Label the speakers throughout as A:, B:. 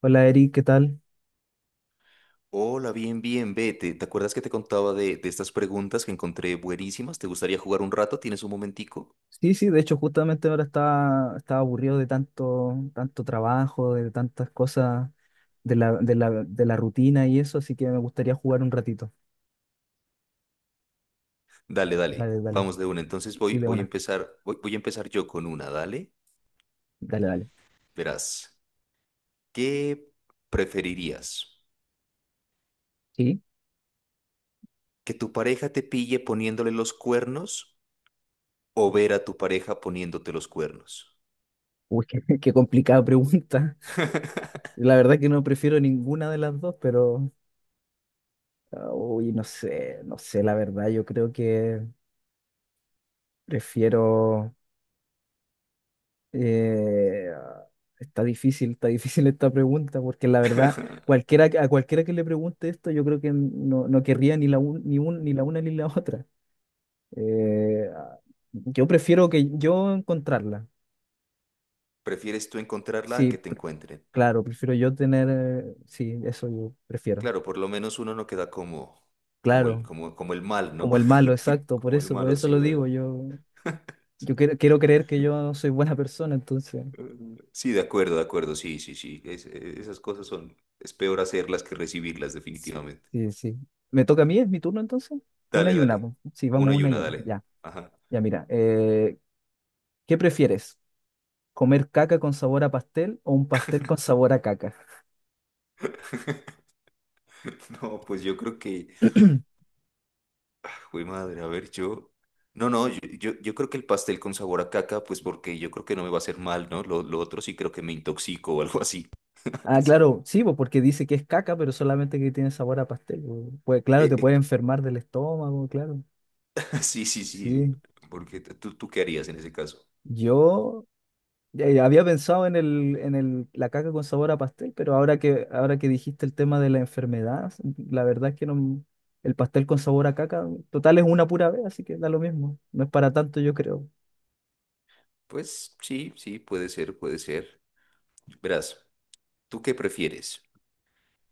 A: Hola Eric, ¿qué tal?
B: Hola, bien, bien, vete. ¿Te acuerdas que te contaba de estas preguntas que encontré buenísimas? ¿Te gustaría jugar un rato? ¿Tienes un momentico?
A: Sí, sí, de hecho justamente ahora estaba aburrido de tanto trabajo, de tantas cosas, de la rutina y eso, así que me gustaría jugar un ratito.
B: Dale, dale.
A: Dale, dale.
B: Vamos de una. Entonces
A: Sí,
B: voy,
A: de
B: voy a
A: una.
B: empezar, voy, voy a empezar yo con una, dale.
A: Dale, dale.
B: Verás, ¿qué preferirías?
A: Sí.
B: ¿Que tu pareja te pille poniéndole los cuernos o ver a tu pareja poniéndote los cuernos?
A: Uy, qué complicada pregunta. La verdad que no prefiero ninguna de las dos, pero, ah, uy, no sé, no sé, la verdad, yo creo que prefiero. Eh, está difícil, está difícil esta pregunta, porque la verdad, a cualquiera que le pregunte esto, yo creo que no querría ni la una ni la otra. Eh, yo prefiero que yo encontrarla.
B: ¿Prefieres tú encontrarla a
A: Sí,
B: que te encuentren?
A: claro, prefiero yo tener, sí, eso yo prefiero.
B: Claro, por lo menos uno no queda como, como el,
A: Claro,
B: como, como el mal, ¿no?
A: como el malo, exacto,
B: Como el
A: por
B: malo,
A: eso
B: sí,
A: lo digo,
B: ¿verdad?
A: yo quiero creer que yo soy buena persona, entonces.
B: Mm, sí, de acuerdo, sí, sí, sí. Esas cosas son, es peor hacerlas que recibirlas, definitivamente.
A: Sí, sí. ¿Me toca a mí? ¿Es mi turno entonces? Una
B: Dale,
A: y una.
B: dale.
A: Po. Sí, vamos
B: Una y
A: una y
B: una,
A: una.
B: dale.
A: Ya,
B: Ajá.
A: ya mira. ¿Qué prefieres? ¿Comer caca con sabor a pastel o un pastel con sabor a caca?
B: No, pues yo creo que, uy, madre, a ver, yo. No, no, yo creo que el pastel con sabor a caca, pues porque yo creo que no me va a hacer mal, ¿no? Lo otro sí creo que me intoxico o algo así.
A: Ah, claro, sí, po, porque dice que es caca, pero solamente que tiene sabor a pastel. Po. Pues claro,
B: Eh,
A: te puede
B: eh,
A: enfermar del estómago, claro.
B: sí, sí, sí.
A: Sí.
B: Porque tú qué harías en ese caso.
A: Yo. Había pensado en el, la caca con sabor a pastel, pero ahora que dijiste el tema de la enfermedad, la verdad es que no, el pastel con sabor a caca, total es una pura vez, así que da lo mismo. No es para tanto, yo creo.
B: Pues sí, sí, puede ser, puede ser. Verás, ¿tú qué prefieres?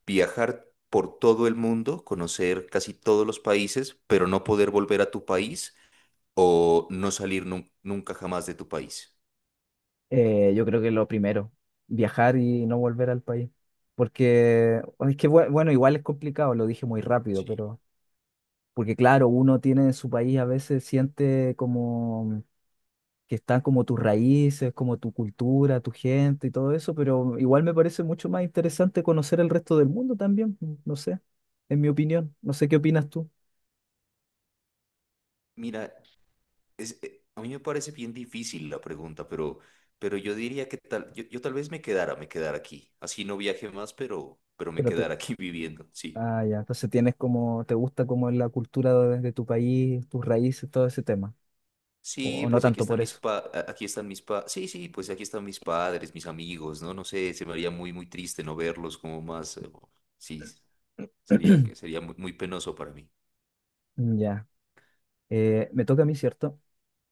B: Viajar por todo el mundo, conocer casi todos los países, pero no poder volver a tu país o no salir nunca jamás de tu país?
A: Yo creo que lo primero, viajar y no volver al país. Porque es que, bueno, igual es complicado, lo dije muy rápido,
B: Sí.
A: pero porque claro, uno tiene en su país a veces siente como que están como tus raíces, como tu cultura, tu gente y todo eso, pero igual me parece mucho más interesante conocer el resto del mundo también, no sé, en mi opinión, no sé qué opinas tú,
B: Mira, a mí me parece bien difícil la pregunta, pero yo diría que tal, yo tal vez me quedara aquí. Así no viaje más, pero me
A: pero te.
B: quedara aquí viviendo, sí.
A: Ah, ya, entonces tienes como, te gusta como la cultura de tu país, tus raíces, todo ese tema,
B: Sí,
A: o no
B: pues aquí
A: tanto
B: están
A: por
B: mis
A: eso.
B: pa, sí, sí, pues aquí están mis padres, mis amigos, ¿no? No sé, se me haría muy, muy triste no verlos como más, sí, Sería que sería muy, muy penoso para mí.
A: Ya. Me toca a mí, ¿cierto?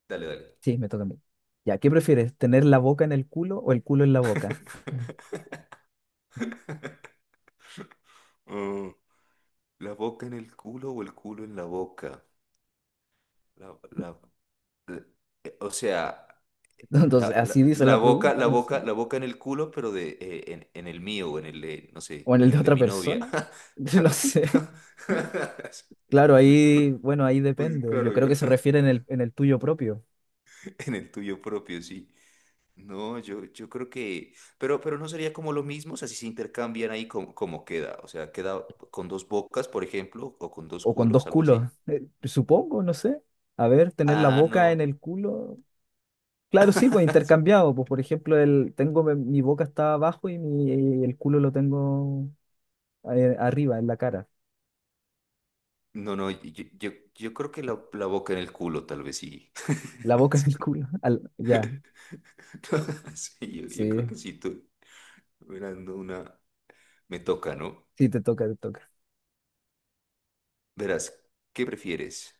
B: Dale, dale.
A: Sí, me toca a mí. Ya, ¿qué prefieres, tener la boca en el culo o el culo en la boca?
B: Mm. ¿La boca en el culo o el culo en la boca? La, la- la- o sea,
A: Entonces, así dice
B: la
A: la
B: boca,
A: pregunta,
B: la
A: no sé.
B: boca, la boca en el culo, pero de en el mío o en el de, no sé,
A: O en el
B: en
A: de
B: el de
A: otra
B: mi novia.
A: persona, no sé. Claro, ahí, bueno, ahí
B: Pues
A: depende. Yo
B: claro,
A: creo que se refiere en el tuyo propio.
B: en el tuyo propio, sí. No, yo creo que, pero no sería como lo mismo, o sea, si se intercambian ahí como queda, o sea, queda con dos bocas, por ejemplo, o con dos
A: O con
B: culos,
A: dos
B: algo
A: culos.
B: así.
A: Supongo, no sé. A ver, tener la
B: Ah,
A: boca en
B: no.
A: el culo. Claro, sí, pues intercambiado. Pues por ejemplo, tengo mi boca está abajo y, el culo lo tengo arriba, en la cara.
B: No, no, yo creo que la boca en el culo, tal vez sí.
A: La boca en
B: Sí,
A: el culo. Ya,
B: no, sí, yo creo
A: sí.
B: que sí, tú, verás, no, una, me toca, ¿no?
A: Sí, te toca, te toca.
B: Verás, ¿qué prefieres?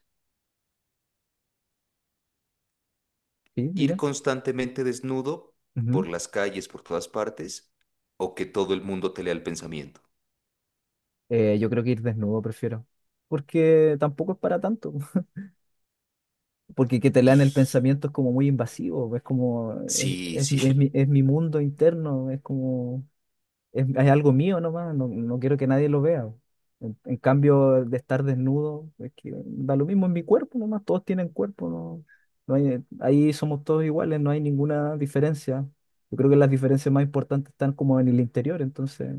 A: Sí,
B: ¿Ir
A: dime.
B: constantemente desnudo
A: Ujú.
B: por las calles, por todas partes, o que todo el mundo te lea el pensamiento?
A: Yo creo que ir desnudo prefiero. Porque tampoco es para tanto. Porque que te lean el
B: Ij.
A: pensamiento es como muy invasivo, es como,
B: Sí,
A: es
B: sí.
A: mi, es mi- es mi mundo interno, hay algo mío nomás, no quiero que nadie lo vea. En cambio, de estar desnudo, es que da lo mismo en mi cuerpo nomás, todos tienen cuerpo, no, no hay- ahí somos todos iguales, no hay ninguna diferencia. Yo creo que las diferencias más importantes están como en el interior, entonces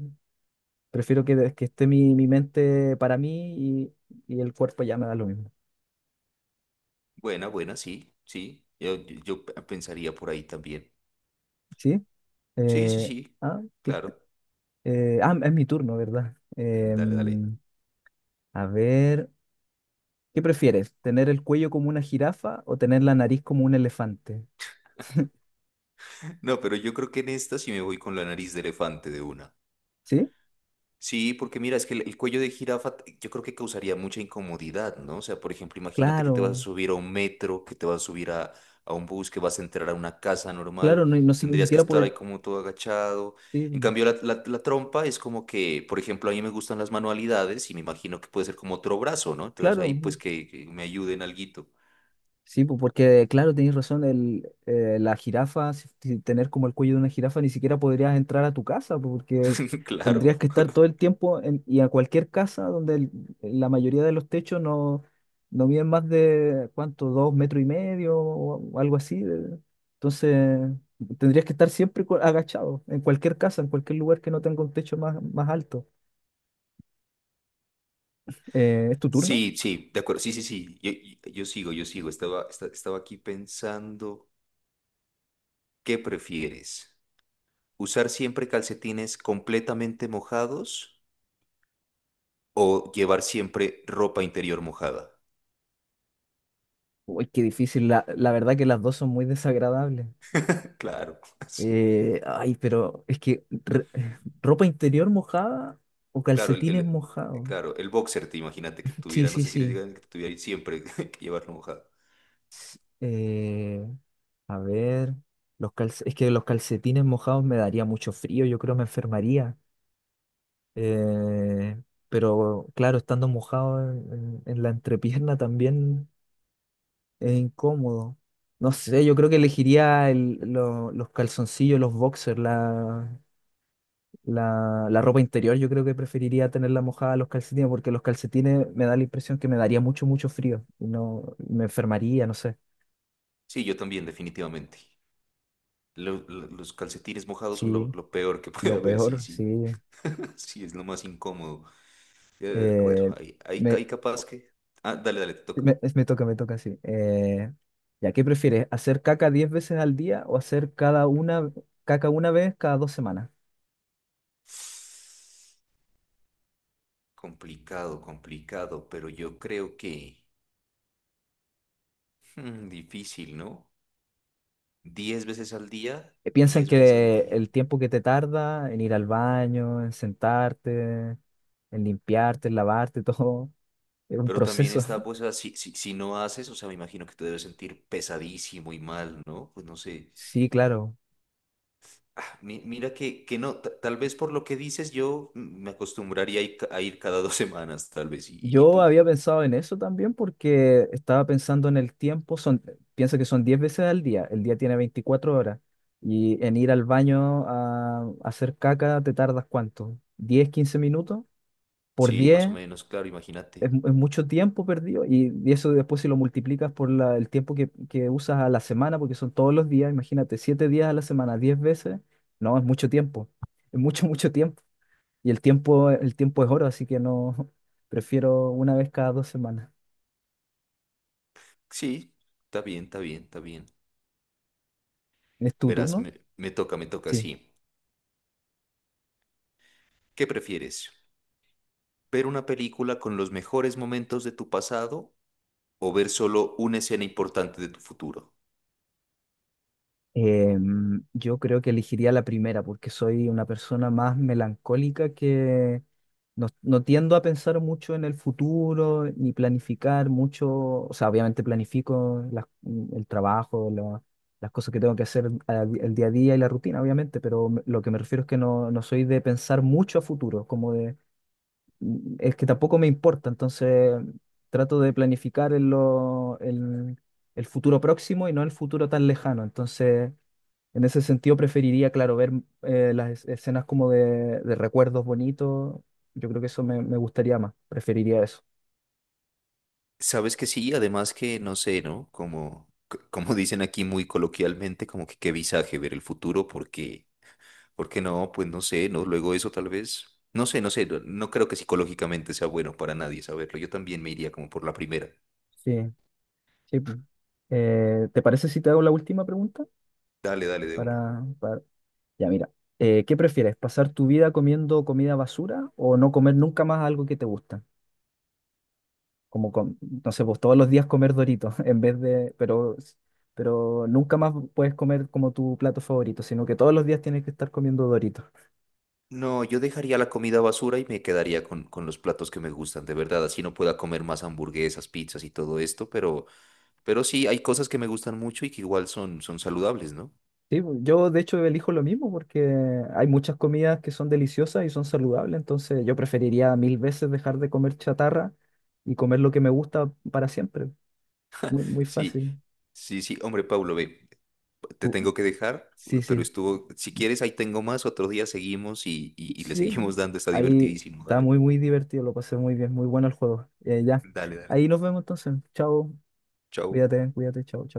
A: prefiero que esté mi mente para mí y el cuerpo ya me da lo mismo.
B: Buena, buena, sí, sí. Yo pensaría por ahí también.
A: ¿Sí?
B: Sí, sí,
A: Eh,
B: sí.
A: ah,
B: Claro.
A: es mi turno, ¿verdad?
B: Dale, dale.
A: A ver, ¿qué prefieres? ¿Tener el cuello como una jirafa o tener la nariz como un elefante?
B: No, pero yo creo que en esta sí me voy con la nariz de elefante de una.
A: ¿Sí?
B: Sí, porque mira, es que el cuello de jirafa yo creo que causaría mucha incomodidad, ¿no? O sea, por ejemplo, imagínate que te vas a
A: Claro,
B: subir a un metro, que te vas a subir a un bus, que vas a entrar a una casa
A: claro,
B: normal,
A: ni
B: tendrías que
A: siquiera
B: estar
A: poder.
B: ahí como todo agachado.
A: Sí,
B: En cambio, la trompa es como que, por ejemplo, a mí me gustan las manualidades y me imagino que puede ser como otro brazo, ¿no? Entonces ahí
A: claro,
B: pues que me ayuden alguito.
A: sí, pues, porque claro, tenéis razón, la jirafa, si tener como el cuello de una jirafa, ni siquiera podrías entrar a tu casa, pues, porque
B: Claro.
A: tendrías que estar todo el tiempo y a cualquier casa donde la mayoría de los techos no miden más de, ¿cuánto? Dos metros y medio o algo así. Entonces, tendrías que estar siempre agachado, en cualquier casa, en cualquier lugar que no tenga un techo más, más alto. ¿Es tu turno?
B: Sí, sí, de acuerdo. Sí, sí, sí. Yo sigo, yo sigo. Estaba aquí pensando, ¿qué prefieres? ¿Usar siempre calcetines completamente mojados o llevar siempre ropa interior mojada?
A: Uy, qué difícil, la verdad que las dos son muy desagradables.
B: Claro,
A: Ay, pero es que ropa interior mojada o
B: claro,
A: calcetines mojados.
B: claro, el boxer, te imagínate que
A: Sí,
B: tuviera, no
A: sí,
B: sé si le
A: sí.
B: digan que tuviera siempre que llevarlo mojado.
A: Eh, a ver, es que los calcetines mojados me daría mucho frío, yo creo me enfermaría. Eh, pero claro, estando mojado en la entrepierna también es incómodo. No sé, yo creo que elegiría los calzoncillos, los boxers. La ropa interior yo creo que preferiría tenerla mojada a los calcetines porque los calcetines me da la impresión que me daría mucho, mucho frío y no me enfermaría, no sé.
B: Sí, yo también, definitivamente. Los calcetines mojados son lo,
A: Sí,
B: lo peor que puede
A: lo
B: haber, sí,
A: peor, sí.
B: sí. Sí, es lo más incómodo. Bueno,
A: Eh, me,
B: ahí capaz que... Ah, dale, dale, te toca.
A: me toca, me toca, sí. ¿Ya qué prefieres? ¿Hacer caca 10 veces al día o hacer cada una caca una vez cada 2 semanas?
B: Complicado, complicado, pero yo creo que... Mm, difícil, ¿no? 10 veces al día,
A: Piensa en
B: 10 veces al
A: que
B: día.
A: el tiempo que te tarda en ir al baño, en sentarte, en limpiarte, en lavarte, todo, es un
B: Pero también
A: proceso.
B: está, pues, así, si no haces, o sea, me imagino que te debes sentir pesadísimo y mal, ¿no? Pues no sé.
A: Sí, claro.
B: Ah, mira que no, tal vez por lo que dices, yo me acostumbraría a ir, a ir cada 2 semanas, tal vez. ¿Y
A: Yo
B: tú?
A: había pensado en eso también porque estaba pensando en el tiempo, son, piensa que son 10 veces al día, el día tiene 24 horas y en ir al baño a hacer caca te tardas cuánto, 10 15 minutos, por
B: Sí, más
A: 10
B: o menos, claro, imagínate.
A: es mucho tiempo perdido y eso después si lo multiplicas por el tiempo que usas a la semana, porque son todos los días, imagínate, 7 días a la semana, 10 veces, no, es mucho tiempo, es mucho, mucho tiempo y el tiempo es oro, así que no, prefiero una vez cada 2 semanas.
B: Sí, está bien, está bien, está bien.
A: ¿Es tu
B: Verás,
A: turno?
B: me toca, me toca,
A: Sí.
B: sí. ¿Qué prefieres? ¿Ver una película con los mejores momentos de tu pasado o ver solo una escena importante de tu futuro?
A: Yo creo que elegiría la primera porque soy una persona más melancólica que no tiendo a pensar mucho en el futuro ni planificar mucho. O sea, obviamente planifico el trabajo, las cosas que tengo que hacer el día a día y la rutina, obviamente, pero lo que me refiero es que no soy de pensar mucho a futuro, como de es que tampoco me importa, entonces trato de planificar en en el futuro próximo y no el futuro tan lejano. Entonces, en ese sentido, preferiría, claro, ver las escenas como de recuerdos bonitos. Yo creo que eso me gustaría más, preferiría eso.
B: Sabes que sí, además que no sé, ¿no? Como dicen aquí muy coloquialmente, como que qué visaje ver el futuro, porque, porque no, pues no sé, ¿no? Luego eso tal vez, no sé, no sé, no, no creo que psicológicamente sea bueno para nadie saberlo. Yo también me iría como por la primera.
A: Sí, sí. Pues. ¿Te parece si te hago la última pregunta?
B: Dale, dale de una.
A: Para, para. Ya, mira. ¿Qué prefieres? ¿Pasar tu vida comiendo comida basura o no comer nunca más algo que te gusta? como com- no sé, pues todos los días comer Doritos en vez de, pero nunca más puedes comer como tu plato favorito, sino que todos los días tienes que estar comiendo Doritos.
B: No, yo dejaría la comida basura y me quedaría con los platos que me gustan, de verdad. Así no pueda comer más hamburguesas, pizzas y todo esto, pero sí hay cosas que me gustan mucho y que igual son, son saludables, ¿no?
A: Sí, pues, yo de hecho elijo lo mismo porque hay muchas comidas que son deliciosas y son saludables, entonces yo preferiría mil veces dejar de comer chatarra y comer lo que me gusta para siempre. Muy, muy
B: Sí,
A: fácil.
B: sí, sí, hombre, Pablo, ve, te
A: Tú-
B: tengo que dejar,
A: Sí,
B: pero
A: sí,
B: estuvo, si quieres, ahí tengo más, otro día seguimos y le
A: sí.
B: seguimos dando, está
A: Ahí
B: divertidísimo,
A: está
B: dale,
A: muy, muy divertido, lo pasé muy bien, muy bueno el juego. Ya,
B: dale, dale,
A: ahí nos vemos entonces. Chao.
B: chao.
A: Cuídate, cuídate, chao, chao.